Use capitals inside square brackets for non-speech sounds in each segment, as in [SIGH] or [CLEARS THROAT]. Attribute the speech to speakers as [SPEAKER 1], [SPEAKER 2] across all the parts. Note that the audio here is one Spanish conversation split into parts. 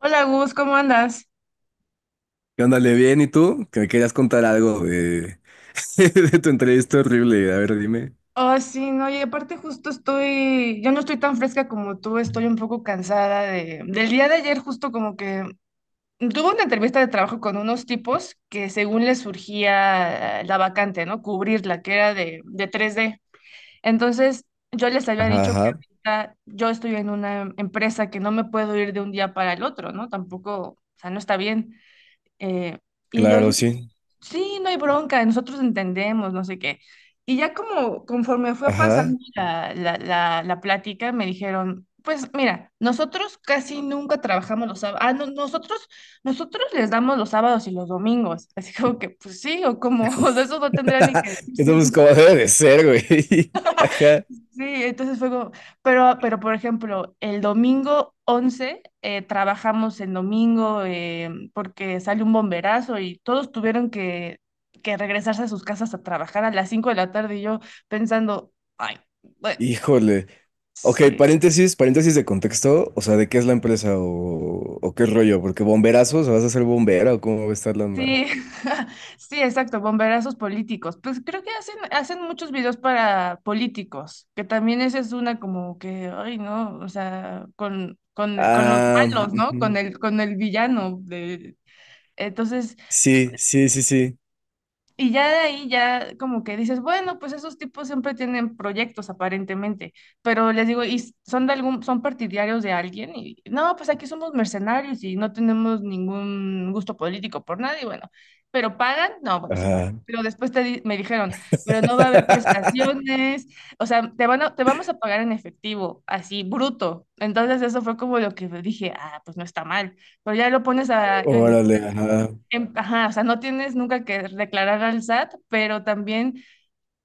[SPEAKER 1] Hola Gus, ¿cómo andas?
[SPEAKER 2] ¿Qué onda, le bien? ¿Y tú? Que me querías contar algo [LAUGHS] de tu entrevista horrible. A ver, dime.
[SPEAKER 1] Oh sí, no, y aparte justo yo no estoy tan fresca como tú, estoy un poco cansada del día de ayer justo como que tuve una entrevista de trabajo con unos tipos que según les surgía la vacante, ¿no? Cubrirla, que era de tres d. Entonces yo les había
[SPEAKER 2] Ajá,
[SPEAKER 1] dicho que
[SPEAKER 2] ajá,
[SPEAKER 1] ahorita yo estoy en una empresa que no me puedo ir de un día para el otro, ¿no? Tampoco, o sea, no está bien. Eh, y ellos,
[SPEAKER 2] claro, sí.
[SPEAKER 1] sí, no hay bronca, nosotros entendemos, no sé qué. Y ya como conforme fue
[SPEAKER 2] Ajá.
[SPEAKER 1] pasando la plática, me dijeron, pues mira, nosotros casi nunca trabajamos los sábados, ah, no, nosotros les damos los sábados y los domingos, así como que, pues sí, o como, [LAUGHS] o sea, eso no tendría ni que
[SPEAKER 2] [LAUGHS]
[SPEAKER 1] decirse,
[SPEAKER 2] Entonces pues
[SPEAKER 1] ¿no?
[SPEAKER 2] como debe de ser, güey. [LAUGHS] Ajá.
[SPEAKER 1] Sí, entonces fue como, pero por ejemplo, el domingo 11 trabajamos en domingo porque sale un bomberazo y todos tuvieron que regresarse a sus casas a trabajar a las 5 de la tarde y yo pensando, ay, bueno,
[SPEAKER 2] Híjole. Ok,
[SPEAKER 1] sí.
[SPEAKER 2] paréntesis de contexto. O sea, ¿de qué es la empresa o qué rollo? Porque bomberazos, ¿vas a ser bombera o cómo va a estar la onda?
[SPEAKER 1] Sí, [LAUGHS] sí, exacto, bomberazos políticos. Pues creo que hacen muchos videos para políticos, que también esa es una como que, ay, no, o sea, con los
[SPEAKER 2] Ah,
[SPEAKER 1] malos, ¿no? Con
[SPEAKER 2] ujú.
[SPEAKER 1] el, con el villano. De... Entonces,
[SPEAKER 2] Sí, sí, sí, sí.
[SPEAKER 1] y ya de ahí ya como que dices, bueno, pues esos tipos siempre tienen proyectos aparentemente, pero les digo, ¿y son partidarios de alguien? Y no, pues aquí somos mercenarios y no tenemos ningún gusto político por nadie, bueno, pero pagan, no, bueno, sí pagan.
[SPEAKER 2] Ajá.
[SPEAKER 1] Pero después me dijeron, pero no va a haber
[SPEAKER 2] [LAUGHS]
[SPEAKER 1] prestaciones, o sea, te vamos a pagar en efectivo, así bruto. Entonces eso fue como lo que dije, ah, pues no está mal. Pero ya lo pones a,
[SPEAKER 2] Órale, ajá.
[SPEAKER 1] ajá, o sea, no tienes nunca que declarar al SAT, pero también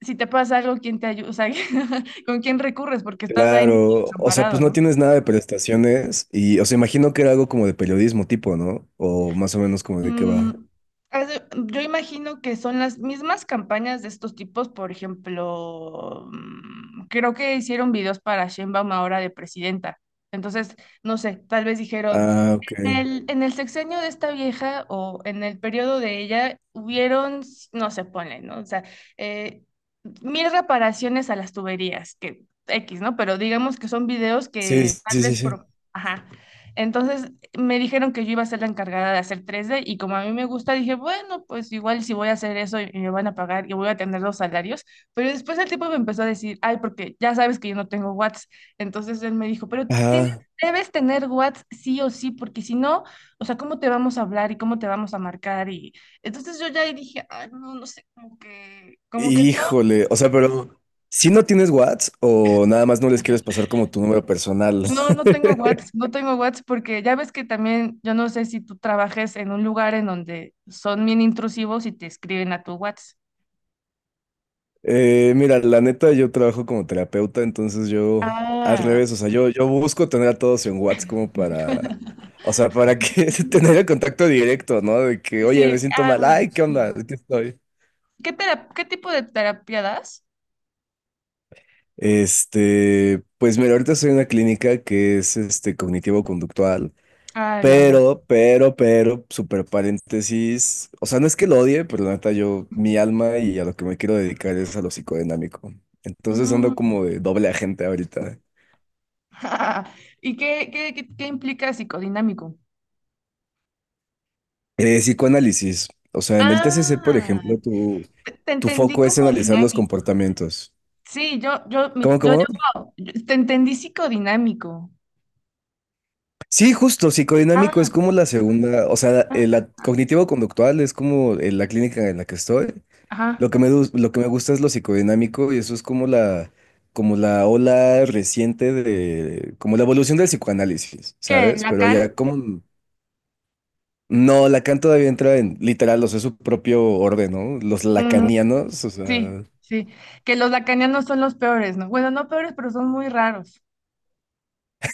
[SPEAKER 1] si te pasa algo, ¿quién te ayuda? O sea, [LAUGHS] ¿con quién recurres? Porque estás ahí medio
[SPEAKER 2] Claro, o sea, pues
[SPEAKER 1] desamparado,
[SPEAKER 2] no
[SPEAKER 1] ¿no?
[SPEAKER 2] tienes nada de prestaciones y, o sea, imagino que era algo como de periodismo tipo, ¿no? O más o menos como de qué
[SPEAKER 1] Mm,
[SPEAKER 2] va.
[SPEAKER 1] yo imagino que son las mismas campañas de estos tipos, por ejemplo, creo que hicieron videos para Sheinbaum ahora de presidenta. Entonces, no sé, tal vez dijeron,
[SPEAKER 2] Ah, ok.
[SPEAKER 1] En el sexenio de esta vieja o en el periodo de ella hubieron, no se pone, ¿no? O sea, eh, mil reparaciones a las tuberías, que X, ¿no? Pero digamos que son videos
[SPEAKER 2] Sí,
[SPEAKER 1] que tal
[SPEAKER 2] sí, sí,
[SPEAKER 1] vez
[SPEAKER 2] sí.
[SPEAKER 1] por... Ajá. Entonces me dijeron que yo iba a ser la encargada de hacer tres d y como a mí me gusta, dije, bueno, pues igual si voy a hacer eso y me van a pagar y voy a tener los salarios. Pero después el tipo me empezó a decir, ay, porque ya sabes que yo no tengo watts. Entonces él me dijo, pero tienes
[SPEAKER 2] Ajá.
[SPEAKER 1] debes tener WhatsApp sí o sí, porque si no, o sea, ¿cómo te vamos a hablar y cómo te vamos a marcar? Y entonces yo ya ahí dije, ay, no, no sé, como que todo,
[SPEAKER 2] Híjole, o sea, pero si no tienes WhatsApp o nada más no les quieres pasar como tu número personal.
[SPEAKER 1] no,
[SPEAKER 2] [LAUGHS]
[SPEAKER 1] no tengo WhatsApp, no tengo WhatsApp, porque ya ves que también, yo no sé si tú trabajes en un lugar en donde son bien intrusivos y te escriben a tu WhatsApp.
[SPEAKER 2] Mira, la neta, yo trabajo como terapeuta, entonces yo, al
[SPEAKER 1] Ah,
[SPEAKER 2] revés, o sea, yo busco tener a todos en WhatsApp como para,
[SPEAKER 1] [LAUGHS]
[SPEAKER 2] o sea, para que [LAUGHS] tener el contacto directo, ¿no? De que, oye,
[SPEAKER 1] sí,
[SPEAKER 2] me siento
[SPEAKER 1] ah,
[SPEAKER 2] mal,
[SPEAKER 1] bueno,
[SPEAKER 2] ay, ¿qué onda?
[SPEAKER 1] sí.
[SPEAKER 2] Aquí estoy.
[SPEAKER 1] ¿Qué tipo de terapia das?
[SPEAKER 2] Este, pues mira, ahorita soy en una clínica que es este cognitivo-conductual,
[SPEAKER 1] Ah, ya, ya.
[SPEAKER 2] pero super paréntesis, o sea, no es que lo odie, pero la neta, yo, mi alma y a lo que me quiero dedicar es a lo psicodinámico. Entonces ando
[SPEAKER 1] Mm.
[SPEAKER 2] como de doble agente ahorita.
[SPEAKER 1] [LAUGHS] ¿Y qué implica psicodinámico?
[SPEAKER 2] Psicoanálisis. O sea, en el TCC, por
[SPEAKER 1] Ah,
[SPEAKER 2] ejemplo,
[SPEAKER 1] te
[SPEAKER 2] tu
[SPEAKER 1] entendí
[SPEAKER 2] foco es
[SPEAKER 1] como
[SPEAKER 2] analizar los
[SPEAKER 1] dinámico.
[SPEAKER 2] comportamientos.
[SPEAKER 1] Sí, yo, mi-
[SPEAKER 2] ¿Cómo,
[SPEAKER 1] yo,
[SPEAKER 2] cómo?
[SPEAKER 1] yo, yo- te entendí psicodinámico.
[SPEAKER 2] Sí, justo, psicodinámico
[SPEAKER 1] Ah,
[SPEAKER 2] es como la segunda, o sea,
[SPEAKER 1] ah,
[SPEAKER 2] la cognitivo-conductual es como la clínica en la que estoy.
[SPEAKER 1] ajá.
[SPEAKER 2] Lo que me, lo que me gusta es lo psicodinámico y eso es como como la ola reciente de, como la evolución del psicoanálisis,
[SPEAKER 1] ¿Qué?
[SPEAKER 2] ¿sabes? Pero
[SPEAKER 1] ¿Lacan?
[SPEAKER 2] ya como, no, Lacan todavía entra en, literal, o sea, su propio orden, ¿no? Los
[SPEAKER 1] Mm,
[SPEAKER 2] lacanianos, o
[SPEAKER 1] sí,
[SPEAKER 2] sea...
[SPEAKER 1] sí. Que los lacanianos son los peores, ¿no? Bueno, no peores, pero son muy raros.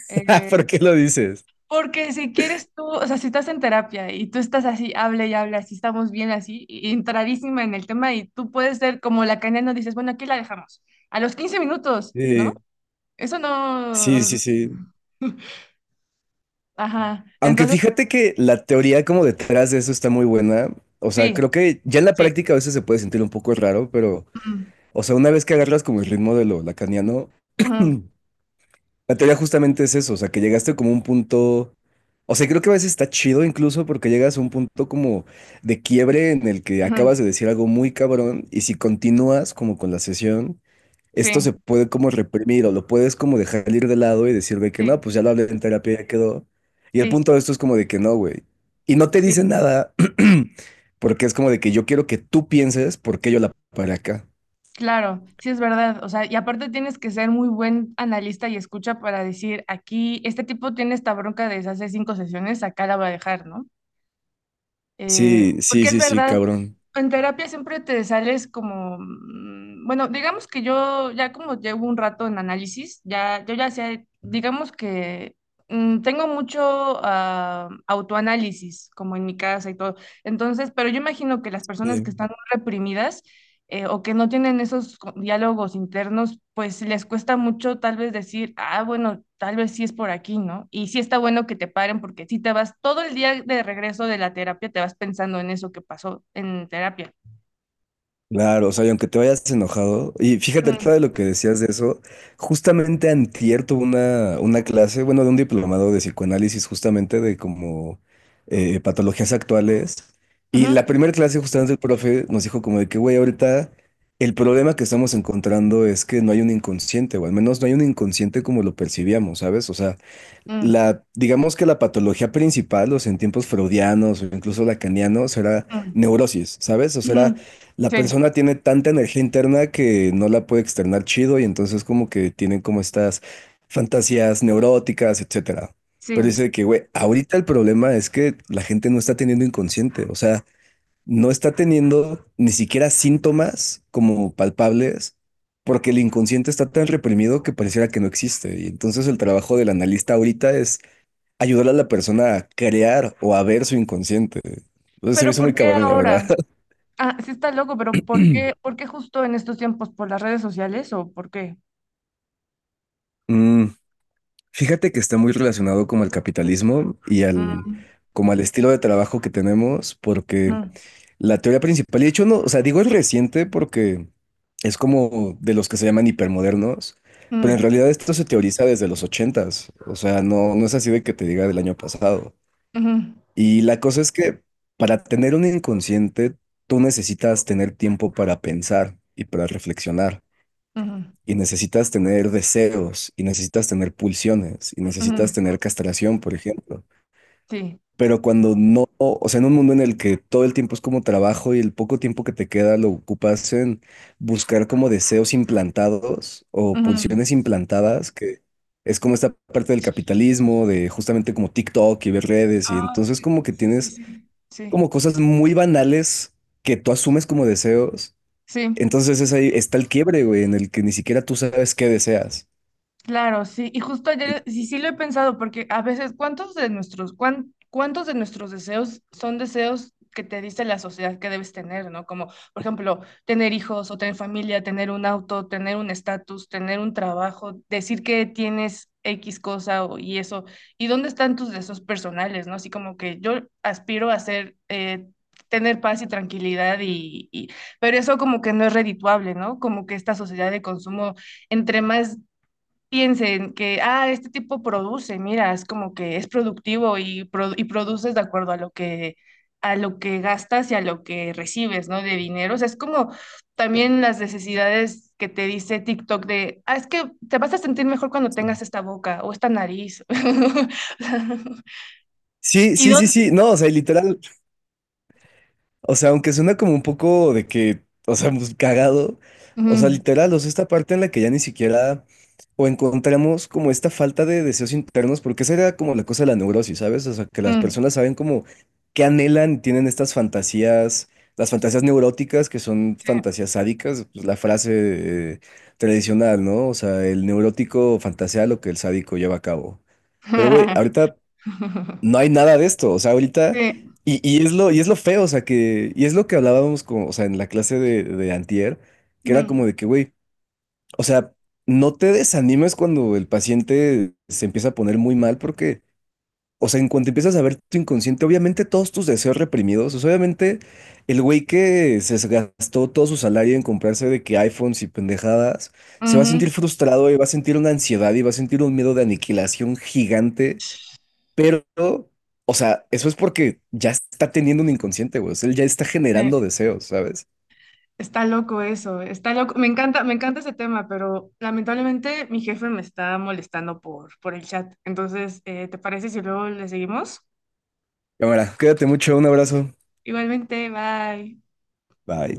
[SPEAKER 2] [LAUGHS]
[SPEAKER 1] Eh,
[SPEAKER 2] ¿Por qué lo dices?
[SPEAKER 1] Porque si quieres tú, o sea, si estás en terapia y tú estás así, hable y hable, así estamos bien, así, y entradísima en el tema, y tú puedes ser como lacaniano, dices, bueno, aquí la dejamos. A los 15 minutos, ¿no?
[SPEAKER 2] Sí,
[SPEAKER 1] Eso
[SPEAKER 2] sí, sí,
[SPEAKER 1] no,
[SPEAKER 2] sí.
[SPEAKER 1] ajá,
[SPEAKER 2] Aunque
[SPEAKER 1] entonces,
[SPEAKER 2] fíjate que la teoría como detrás de eso está muy buena. O sea,
[SPEAKER 1] sí,
[SPEAKER 2] creo que ya en la
[SPEAKER 1] sí.
[SPEAKER 2] práctica a veces se puede sentir un poco raro, pero,
[SPEAKER 1] Ujú,
[SPEAKER 2] o sea, una vez que agarras como el ritmo de lo lacaniano,
[SPEAKER 1] ujú,
[SPEAKER 2] [CLEARS THROAT] la teoría justamente es eso, o sea, que llegaste como a un punto, o sea, creo que a veces está chido incluso porque llegas a un punto como de quiebre en el que
[SPEAKER 1] ujú,
[SPEAKER 2] acabas de decir algo muy cabrón y si continúas como con la sesión, esto
[SPEAKER 1] sí,
[SPEAKER 2] se puede como reprimir o lo puedes como dejar ir de lado y decir, güey, que
[SPEAKER 1] sí,
[SPEAKER 2] no, pues ya lo hablé en terapia, ya quedó. Y el
[SPEAKER 1] sí,
[SPEAKER 2] punto de esto es como de que no, güey. Y no te dice
[SPEAKER 1] sí,
[SPEAKER 2] nada [CLEARS THROAT] porque es como de que yo quiero que tú pienses por qué yo la paré acá.
[SPEAKER 1] claro, sí es verdad. O sea, y aparte tienes que ser muy buen analista y escucha para decir, aquí, este tipo tiene esta bronca desde hace 5 sesiones, acá la va a dejar, ¿no?
[SPEAKER 2] Sí, sí,
[SPEAKER 1] Porque es
[SPEAKER 2] sí, sí,
[SPEAKER 1] verdad,
[SPEAKER 2] cabrón.
[SPEAKER 1] en terapia siempre te sales como, bueno, digamos que yo ya como llevo un rato en análisis, ya, yo ya sé, digamos que tengo mucho autoanálisis, como en mi casa y todo. Entonces, pero yo imagino que las personas que
[SPEAKER 2] Sí.
[SPEAKER 1] están reprimidas o que no tienen esos diálogos internos, pues les cuesta mucho tal vez decir, ah, bueno, tal vez sí es por aquí, ¿no? Y sí está bueno que te paren porque si te vas todo el día de regreso de la terapia, te vas pensando en eso que pasó en terapia.
[SPEAKER 2] Claro, o sea, y aunque te vayas enojado, y fíjate,
[SPEAKER 1] Mm,
[SPEAKER 2] ahorita de lo que decías de eso, justamente antier tuve una clase, bueno, de un diplomado de psicoanálisis, justamente de como patologías actuales, y
[SPEAKER 1] ujú,
[SPEAKER 2] la primera clase justamente el profe nos dijo como de que, güey, ahorita el problema que estamos encontrando es que no hay un inconsciente, o al menos no hay un inconsciente como lo percibíamos, ¿sabes? O sea,
[SPEAKER 1] mm,
[SPEAKER 2] la, digamos que la patología principal, o sea, en tiempos freudianos o incluso lacanianos, era
[SPEAKER 1] mm,
[SPEAKER 2] neurosis, ¿sabes? O sea, era-
[SPEAKER 1] ujú.
[SPEAKER 2] la
[SPEAKER 1] Sí,
[SPEAKER 2] persona tiene tanta energía interna que no la puede externar chido y entonces como que tienen como estas fantasías neuróticas, etcétera. Pero
[SPEAKER 1] sí.
[SPEAKER 2] dice que, güey, ahorita el problema es que la gente no está teniendo inconsciente, o sea, no está teniendo ni siquiera síntomas como palpables. Porque el inconsciente está tan reprimido que pareciera que no existe. Y entonces el trabajo del analista ahorita es ayudar a la persona a crear o a ver su inconsciente. Entonces se me
[SPEAKER 1] Pero
[SPEAKER 2] hizo
[SPEAKER 1] ¿por
[SPEAKER 2] muy
[SPEAKER 1] qué
[SPEAKER 2] cabrón, la verdad.
[SPEAKER 1] ahora? Ah, sí está loco, pero ¿por qué,
[SPEAKER 2] [CLEARS THROAT]
[SPEAKER 1] por qué justo en estos tiempos? ¿Por las redes sociales o por qué?
[SPEAKER 2] Mm, Fíjate que está muy relacionado como al capitalismo y al,
[SPEAKER 1] Mm,
[SPEAKER 2] como al estilo de trabajo que tenemos, porque
[SPEAKER 1] mm,
[SPEAKER 2] la teoría principal, y de hecho no, o sea, digo es reciente porque es como de los que se llaman hipermodernos, pero
[SPEAKER 1] mm,
[SPEAKER 2] en realidad esto se teoriza desde los ochentas, o sea, no, no es así de que te diga del año pasado.
[SPEAKER 1] ujú,
[SPEAKER 2] Y la cosa es que para tener un inconsciente, tú necesitas tener tiempo para pensar y para reflexionar.
[SPEAKER 1] ujú,
[SPEAKER 2] Y necesitas tener deseos, y necesitas tener pulsiones, y necesitas
[SPEAKER 1] ujú.
[SPEAKER 2] tener castración, por ejemplo.
[SPEAKER 1] Sí.
[SPEAKER 2] Pero cuando no, o sea, en un mundo en el que todo el tiempo es como trabajo y el poco tiempo que te queda lo ocupas en buscar como deseos implantados o
[SPEAKER 1] Ujú.
[SPEAKER 2] pulsiones implantadas, que es como esta parte del capitalismo, de justamente como TikTok y ver redes, y
[SPEAKER 1] Ah,
[SPEAKER 2] entonces
[SPEAKER 1] sí,
[SPEAKER 2] como que
[SPEAKER 1] sí, sí,
[SPEAKER 2] tienes
[SPEAKER 1] sí. Sí,
[SPEAKER 2] como cosas muy banales que tú asumes como deseos.
[SPEAKER 1] sí.
[SPEAKER 2] Entonces es ahí está el quiebre, güey, en el que ni siquiera tú sabes qué deseas.
[SPEAKER 1] Claro, sí, y justo
[SPEAKER 2] Y-
[SPEAKER 1] ayer sí, sí lo he pensado, porque a veces, ¿cuántos de nuestros deseos son deseos que te dice la sociedad que debes tener, ¿no? Como, por ejemplo, tener hijos o tener familia, tener un auto, tener un estatus, tener un trabajo, decir que tienes X cosa o- y eso. ¿Y dónde están tus deseos personales, ¿no? Así como que yo aspiro a ser, tener paz y tranquilidad pero eso como que no es redituable, ¿no? Como que esta sociedad de consumo entre más piensen que, ah, este tipo produce, mira, es como que es productivo y produces de acuerdo a lo que gastas y a lo que recibes, ¿no? De dinero. O sea, es como también las necesidades que te dice TikTok de, ah, es que te vas a sentir mejor cuando
[SPEAKER 2] Sí.
[SPEAKER 1] tengas esta boca o esta nariz. [LAUGHS]
[SPEAKER 2] Sí,
[SPEAKER 1] Y
[SPEAKER 2] sí, sí,
[SPEAKER 1] dónde...
[SPEAKER 2] sí. No, o sea, y literal, o sea, aunque suena como un poco de que, o sea, pues, cagado, o sea,
[SPEAKER 1] Mm,
[SPEAKER 2] literal, o sea, esta parte en la que ya ni siquiera o encontramos como esta falta de deseos internos, porque esa era como la cosa de la neurosis, ¿sabes? O sea, que las
[SPEAKER 1] mm,
[SPEAKER 2] personas saben como qué anhelan y tienen estas fantasías, las fantasías neuróticas que son
[SPEAKER 1] sí.
[SPEAKER 2] fantasías sádicas, pues, la frase eh, tradicional, ¿no? O sea, el neurótico fantasea lo que el sádico lleva a cabo. Pero, güey,
[SPEAKER 1] [LAUGHS]
[SPEAKER 2] ahorita no hay nada de esto, o sea, ahorita,
[SPEAKER 1] Sí.
[SPEAKER 2] y es y es lo feo, o sea, que, y es lo que hablábamos con, o sea, en la clase de antier, que era
[SPEAKER 1] Mm,
[SPEAKER 2] como de que, güey, o sea, no te desanimes cuando el paciente se empieza a poner muy mal, porque, o sea, en cuanto empiezas a ver tu inconsciente, obviamente todos tus deseos reprimidos, o sea, obviamente el güey que se gastó todo su salario en comprarse de que iPhones y pendejadas, se va a
[SPEAKER 1] ujú,
[SPEAKER 2] sentir frustrado y va a sentir una ansiedad y va a sentir un miedo de aniquilación gigante. Pero, o sea, eso es porque ya está teniendo un inconsciente, güey. O sea, él ya está
[SPEAKER 1] sí.
[SPEAKER 2] generando deseos, ¿sabes?
[SPEAKER 1] Está loco eso, está loco. Me encanta ese tema, pero lamentablemente mi jefe me está molestando por el chat. Entonces, ¿te parece si luego le seguimos?
[SPEAKER 2] Cámara, cuídate mucho, un abrazo.
[SPEAKER 1] Igualmente, bye.
[SPEAKER 2] Bye.